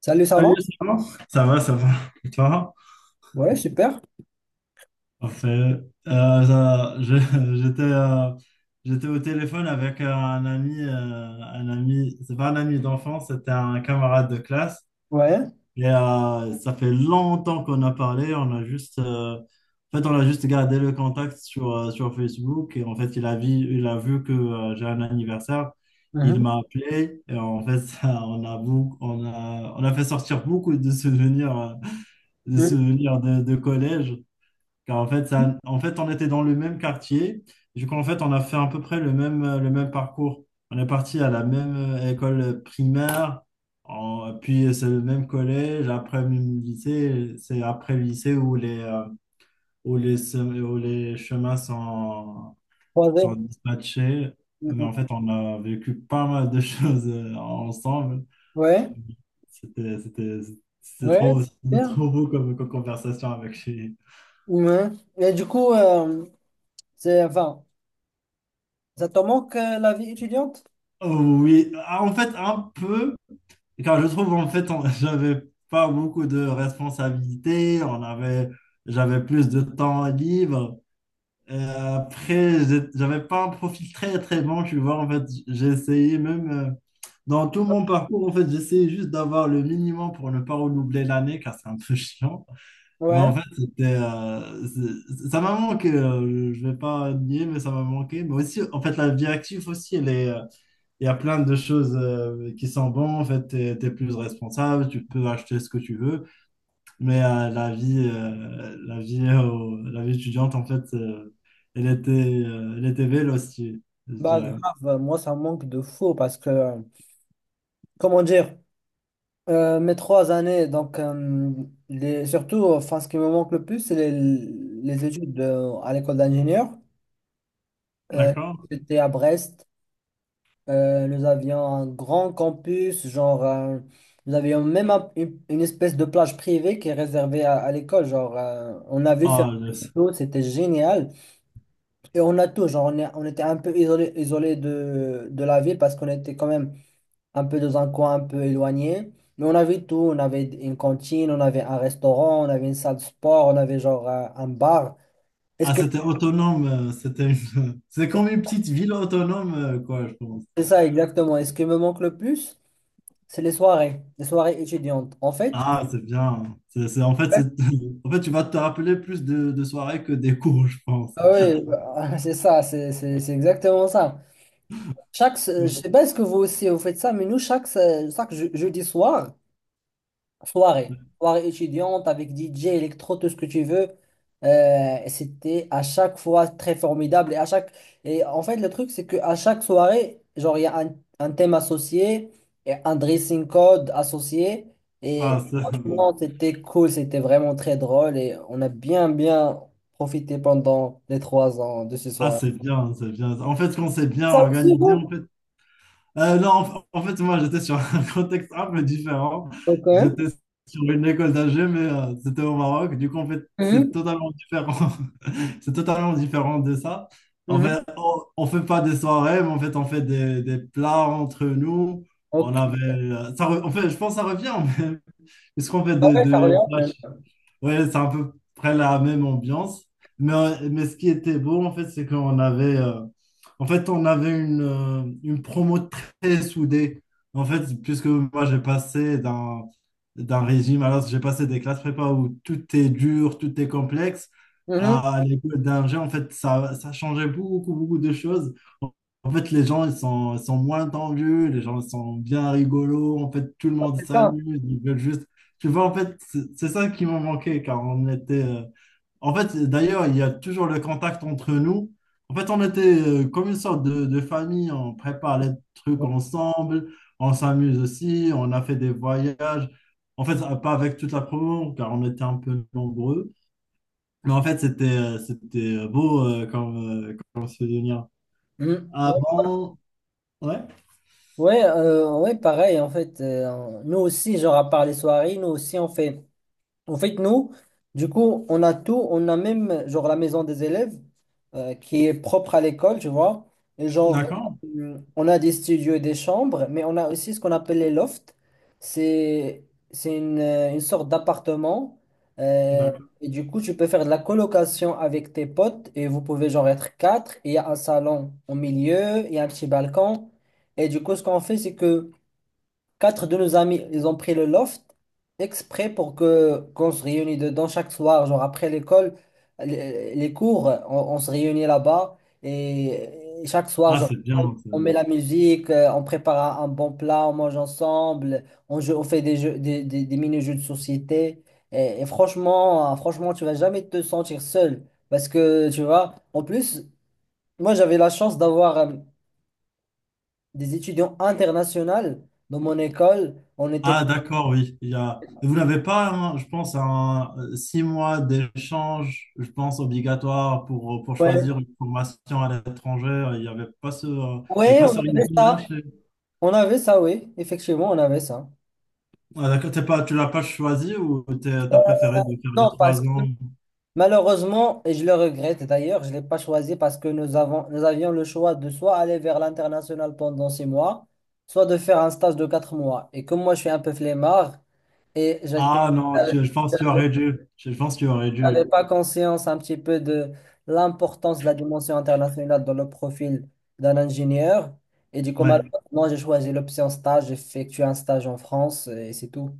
Salut, ça va? Salut, ça va? Ça va, ça va. Et toi? Ouais, super. Parfait. Euh, ça- je- j'étais euh, j'étais au téléphone avec un ami, c'est pas un ami d'enfance, c'était un camarade de classe. Ouais. Ça fait longtemps qu'on a parlé, on a juste, en fait, on a juste gardé le contact sur Facebook. Et en fait, il a vu que j'ai un anniversaire. Il Mhm. m'a appelé et en fait, ça, on a fait sortir beaucoup de souvenirs. Des Mhm. souvenirs de collège. Car en fait, ça, en fait, on était dans le même quartier. Du coup, en fait, on a fait à peu près le même parcours. On est parti à la même école primaire, en- puis c'est le même collège. Après le lycée, c'est après le lycée où les chemins sont, Croisé. sont dispatchés. Mais Mhm. en fait, on a vécu pas mal de choses ensemble. Ouais. C'était, c'était, Ouais, C'était super. trop beau comme conversation avec lui. Ouais. Et du coup, enfin, ça te manque la vie étudiante? Oh oui. Ah, en fait, un peu, car je trouve en fait, j'avais pas beaucoup de responsabilités, j'avais plus de temps libre. Et après, j'avais pas un profil très très bon, tu vois, en fait, j'ai essayé même dans tout mon parcours, en fait, j'essayais juste d'avoir le minimum pour ne pas redoubler l'année, car c'est un peu chiant. Mais Ouais. en fait, ça m'a manqué, je vais pas nier, mais ça m'a manqué. Mais aussi, en fait, la vie active aussi, elle est. Il y a plein de choses qui sont bonnes. En fait, tu es, plus responsable, tu peux acheter ce que tu veux. Mais la vie étudiante, en fait, elle était véloce, je Bah, dirais. grave, moi, ça me manque de fou parce que, comment dire, mes 3 années, donc, surtout, enfin, ce qui me manque le plus, c'est les études à l'école d'ingénieur. Euh, D'accord? J'étais à Brest. Nous avions un grand campus, genre, nous avions même une espèce de plage privée qui est réservée à l'école. Genre, on a vu sur Ah, les le- photos, c'était génial. Et on a tout, genre, on était un peu isolé de la ville parce qu'on était quand même un peu dans un coin un peu éloigné. Mais on avait tout, on avait une cantine, on avait un restaurant, on avait une salle de sport, on avait genre un bar. Est-ce ah, que c'était autonome. C'est c'est comme une petite ville autonome, quoi, je pense. c'est ça exactement? Est-ce qui me manque le plus? C'est les soirées étudiantes. En fait, Ah, c'est bien. En fait, tu vas te rappeler plus de soirées que des cours, je pense. ah oui, bah, c'est ça, c'est exactement ça. Chaque, je Oui. sais pas est-ce que vous aussi vous faites ça, mais nous, chaque jeudi soir, soirée étudiante avec DJ, électro, tout ce que tu veux, et c'était à chaque fois très formidable. Et en fait, le truc, c'est qu'à chaque soirée, genre, il y a un thème associé, et un dressing code associé. Et Ah, ça. franchement, c'était cool, c'était vraiment très drôle et on a bien, bien profité pendant les 3 ans de ce Ah, soir. c'est bien, c'est bien. En fait, quand c'est bien Ça aussi organisé, en vous? fait. Non, en fait, moi, j'étais sur un contexte un peu différent. Ok. J'étais sur une école d'ingé, mais c'était au Maroc. Du coup, en fait, c'est Mhm, totalement différent. C'est totalement différent de ça. En fait, mhm, on fait pas des soirées, mais en fait, on fait des plats entre nous. On Ok. avait. En fait, je pense que ça revient, mais. Est-ce qu'on fait Ah des. ouais, Charleroi même. Ouais, c'est à peu près la même ambiance. Mais ce qui était beau, en fait, c'est qu'on avait, en fait, on avait une promo très soudée. En fait, puisque moi, j'ai passé d'un régime, alors j'ai passé des classes prépa où tout est dur, tout est complexe, Mhm. à l'école d'ingé, en fait, ça changeait beaucoup, beaucoup de choses. En fait, les gens, ils sont moins tendus, les gens, ils sont bien rigolos. En fait, tout le Ah, monde c'est ça. s'amuse, ils veulent juste. Tu vois, en fait, c'est ça qui m'a manqué, car on était. En fait, d'ailleurs, il y a toujours le contact entre nous. En fait, on était comme une sorte de famille, on prépare les trucs ensemble, on s'amuse aussi, on a fait des voyages. En fait, pas avec toute la promo, car on était un peu nombreux. Mais en fait, c'était c'était beau comme souvenir. Mhm. Avant, ouais. Ouais, pareil en fait. Nous aussi, genre à part les soirées, nous aussi on fait. En fait, nous, du coup, on a tout. On a même, genre, la maison des élèves qui est propre à l'école, tu vois. Et genre, D'accord, on a des studios et des chambres, mais on a aussi ce qu'on appelle les lofts. C'est, c'est une sorte d'appartement. euh, d'accord. et du coup, tu peux faire de la colocation avec tes potes et vous pouvez, genre, être quatre. Et il y a un salon au milieu, il y a un petit balcon. Et du coup, ce qu'on fait, c'est que quatre de nos amis, ils ont pris le loft exprès pour que qu'on se réunisse dedans chaque soir, genre après l'école, les cours, on se réunit là-bas et chaque soir, Ah, genre, c'est bien. on, on met la musique, on prépare un bon plat, on mange ensemble, joue, on fait des jeux, des mini-jeux de société et franchement, franchement, tu vas jamais te sentir seul parce que tu vois, en plus, moi j'avais la chance d'avoir des étudiants internationaux dans mon école, on était Ah, d'accord, oui. Il y a. Vous n'avez pas, hein, je pense, un 6 mois d'échange, je pense, obligatoire pour Ouais, choisir une formation à l'étranger. Oui, Il y avait pas on ce avait régime-là ça. chez-. On avait ça, oui. Effectivement, on avait ça. Ah, d'accord, t'es pas, tu l'as pas choisi ou tu as préféré de faire les Non, parce trois que ans? malheureusement, et je le regrette d'ailleurs, je ne l'ai pas choisi parce que nous avions le choix de soit aller vers l'international pendant 6 mois, soit de faire un stage de 4 mois. Et comme moi, je suis un peu flemmard et Ah non, j'avais je pense que tu aurais dû. Je pense que tu aurais j'avais dû. pas conscience un petit peu de l'importance de la dimension internationale dans le profil d'un ingénieur. Et du coup, Ouais. malheureusement, j'ai choisi l'option stage, j'ai effectué un stage en France et c'est tout.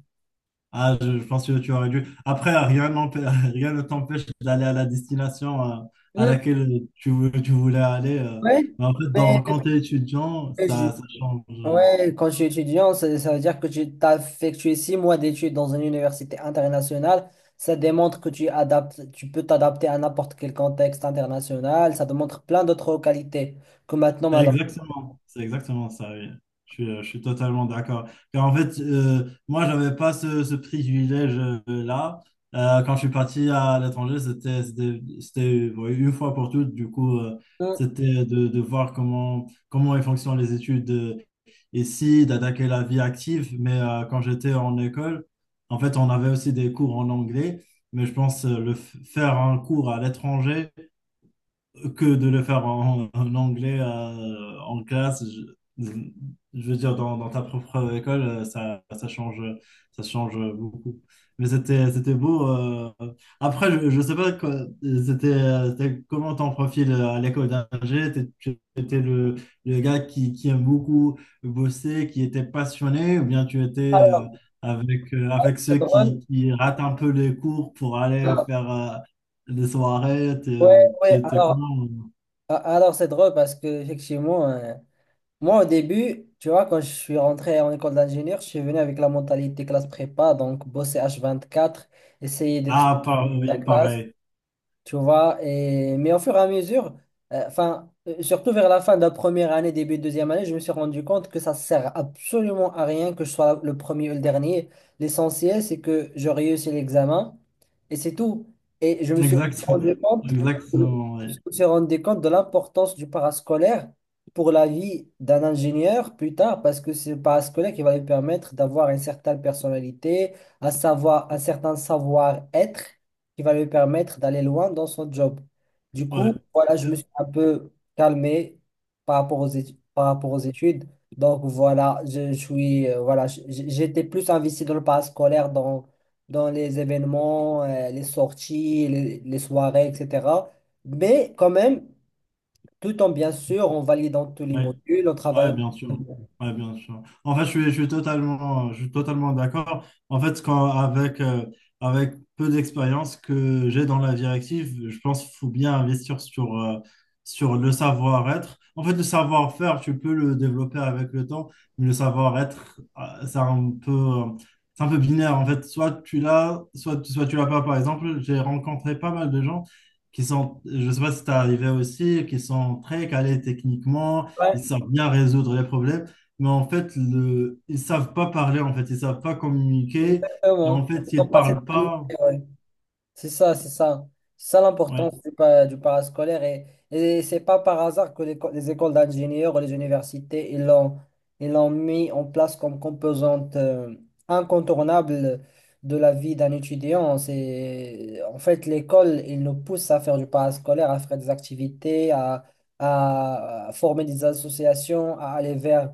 Ah, je pense que tu aurais dû. Après, rien n'empê- rien ne t'empêche d'aller à la destination à laquelle tu voulais aller. Ouais, Mais en fait, mais quand tu es étudiant, mais je- ça change. ouais, quand je suis étudiant, ça veut dire que tu as effectué 6 mois d'études dans une université internationale. Ça démontre que tu adaptes, tu peux t'adapter à n'importe quel contexte international. Ça démontre plein d'autres qualités que maintenant, maintenant. Exactement, c'est exactement ça, oui. Je suis totalement d'accord. Car en fait, moi, je n'avais pas ce privilège-là. Quand je suis parti à l'étranger, c'était, oui, une fois pour toutes. Du coup, Hmm. c'était de voir comment ils fonctionnent les études ici d'attaquer la vie active. Mais quand j'étais en école, en fait, on avait aussi des cours en anglais. Mais je pense faire un cours à l'étranger, que de le faire en anglais en classe. Je, je veux dire, dans ta propre école, ça, ça change beaucoup. Mais c'était beau. Après, je sais pas quoi, c'était comment ton profil à l'école d'ingé. Tu étais le gars qui aime beaucoup bosser, qui était passionné, ou bien tu étais Alors, avec c'est ceux qui, drôle. qui ratent un peu les cours pour aller Ah, faire les soirées, ouais, ouais, t'es alors, comment? A- alors c'est drôle parce que, effectivement, moi, au début, tu vois, quand je suis rentré en école d'ingénieur, je suis venu avec la mentalité classe prépa, donc bosser h 24, essayer d'être Ah, la oui, classe. pareil. Tu vois. Mais au fur et à mesure, enfin, surtout vers la fin de la première année, début de deuxième année, je me suis rendu compte que ça sert absolument à rien que je sois le premier ou le dernier. L'essentiel, c'est que je réussis l'examen et c'est tout. Et exact, rendu compte, je Exactement, ouais. me suis rendu compte de l'importance du parascolaire pour la vie d'un ingénieur plus tard, parce que c'est le parascolaire qui va lui permettre d'avoir une certaine personnalité, un savoir, un certain savoir-être qui va lui permettre d'aller loin dans son job. Du coup, Ouais. voilà, je me suis un peu calmé par rapport aux études. Donc voilà, je suis voilà, j'étais plus investi dans le parascolaire, dans les événements, les sorties, les soirées, etc. Mais quand même, tout en bien sûr, en validant tous les Ouais. modules, en travaillant. Ouais, bien sûr. Ouais, bien sûr. En fait, je suis totalement d'accord. En fait, avec peu d'expérience que j'ai dans la directive, je pense qu'il faut bien investir sur le savoir-être. En fait, le savoir-faire, tu peux le développer avec le temps, mais le savoir-être, c'est un peu binaire. En fait, soit tu l'as, soit tu l'as pas. Par exemple, j'ai rencontré pas mal de gens qui sont, je sais pas si c'est arrivé aussi, qui sont très calés techniquement, ils Ouais, savent bien résoudre les problèmes, mais en fait, ils savent pas parler, en fait, ils savent pas communiquer, et exactement. en fait, ils Donc, pas cette parlent qualité, pas. ouais. C'est ça, c'est ça. C'est ça Ouais. l'importance du parascolaire. Et c'est pas par hasard que les écoles d'ingénieurs ou les universités, ils l'ont mis en place comme composante incontournable de la vie d'un étudiant. C'est, en fait, l'école, il nous pousse à faire du parascolaire, à faire des activités, à former des associations, à aller vers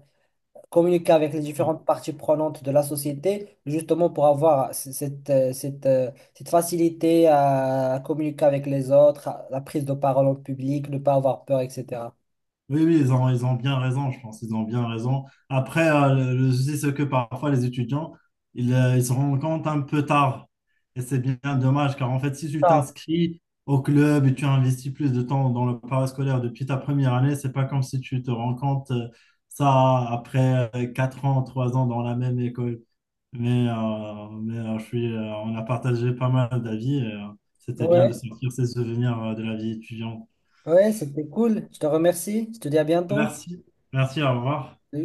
communiquer avec les différentes parties prenantes de la société, justement pour avoir cette facilité à communiquer avec les autres, à la prise de parole en public, ne pas avoir peur, etc. Oui, oui, ils ont bien raison, je pense, ils ont bien raison. Après, le souci, c'est que parfois, les étudiants, ils se rendent compte un peu tard. Et c'est bien dommage, car en fait, si tu Ah, t'inscris au club et tu investis plus de temps dans le parascolaire depuis ta première année, c'est pas comme si tu te rends compte ça après 4 ans, 3 ans dans la même école. Mais on a partagé pas mal d'avis et c'était bien de ouais, sortir ces souvenirs de la vie étudiante. ouais, c'était cool. Je te remercie. Je te dis à bientôt. Merci, merci, au revoir. Salut.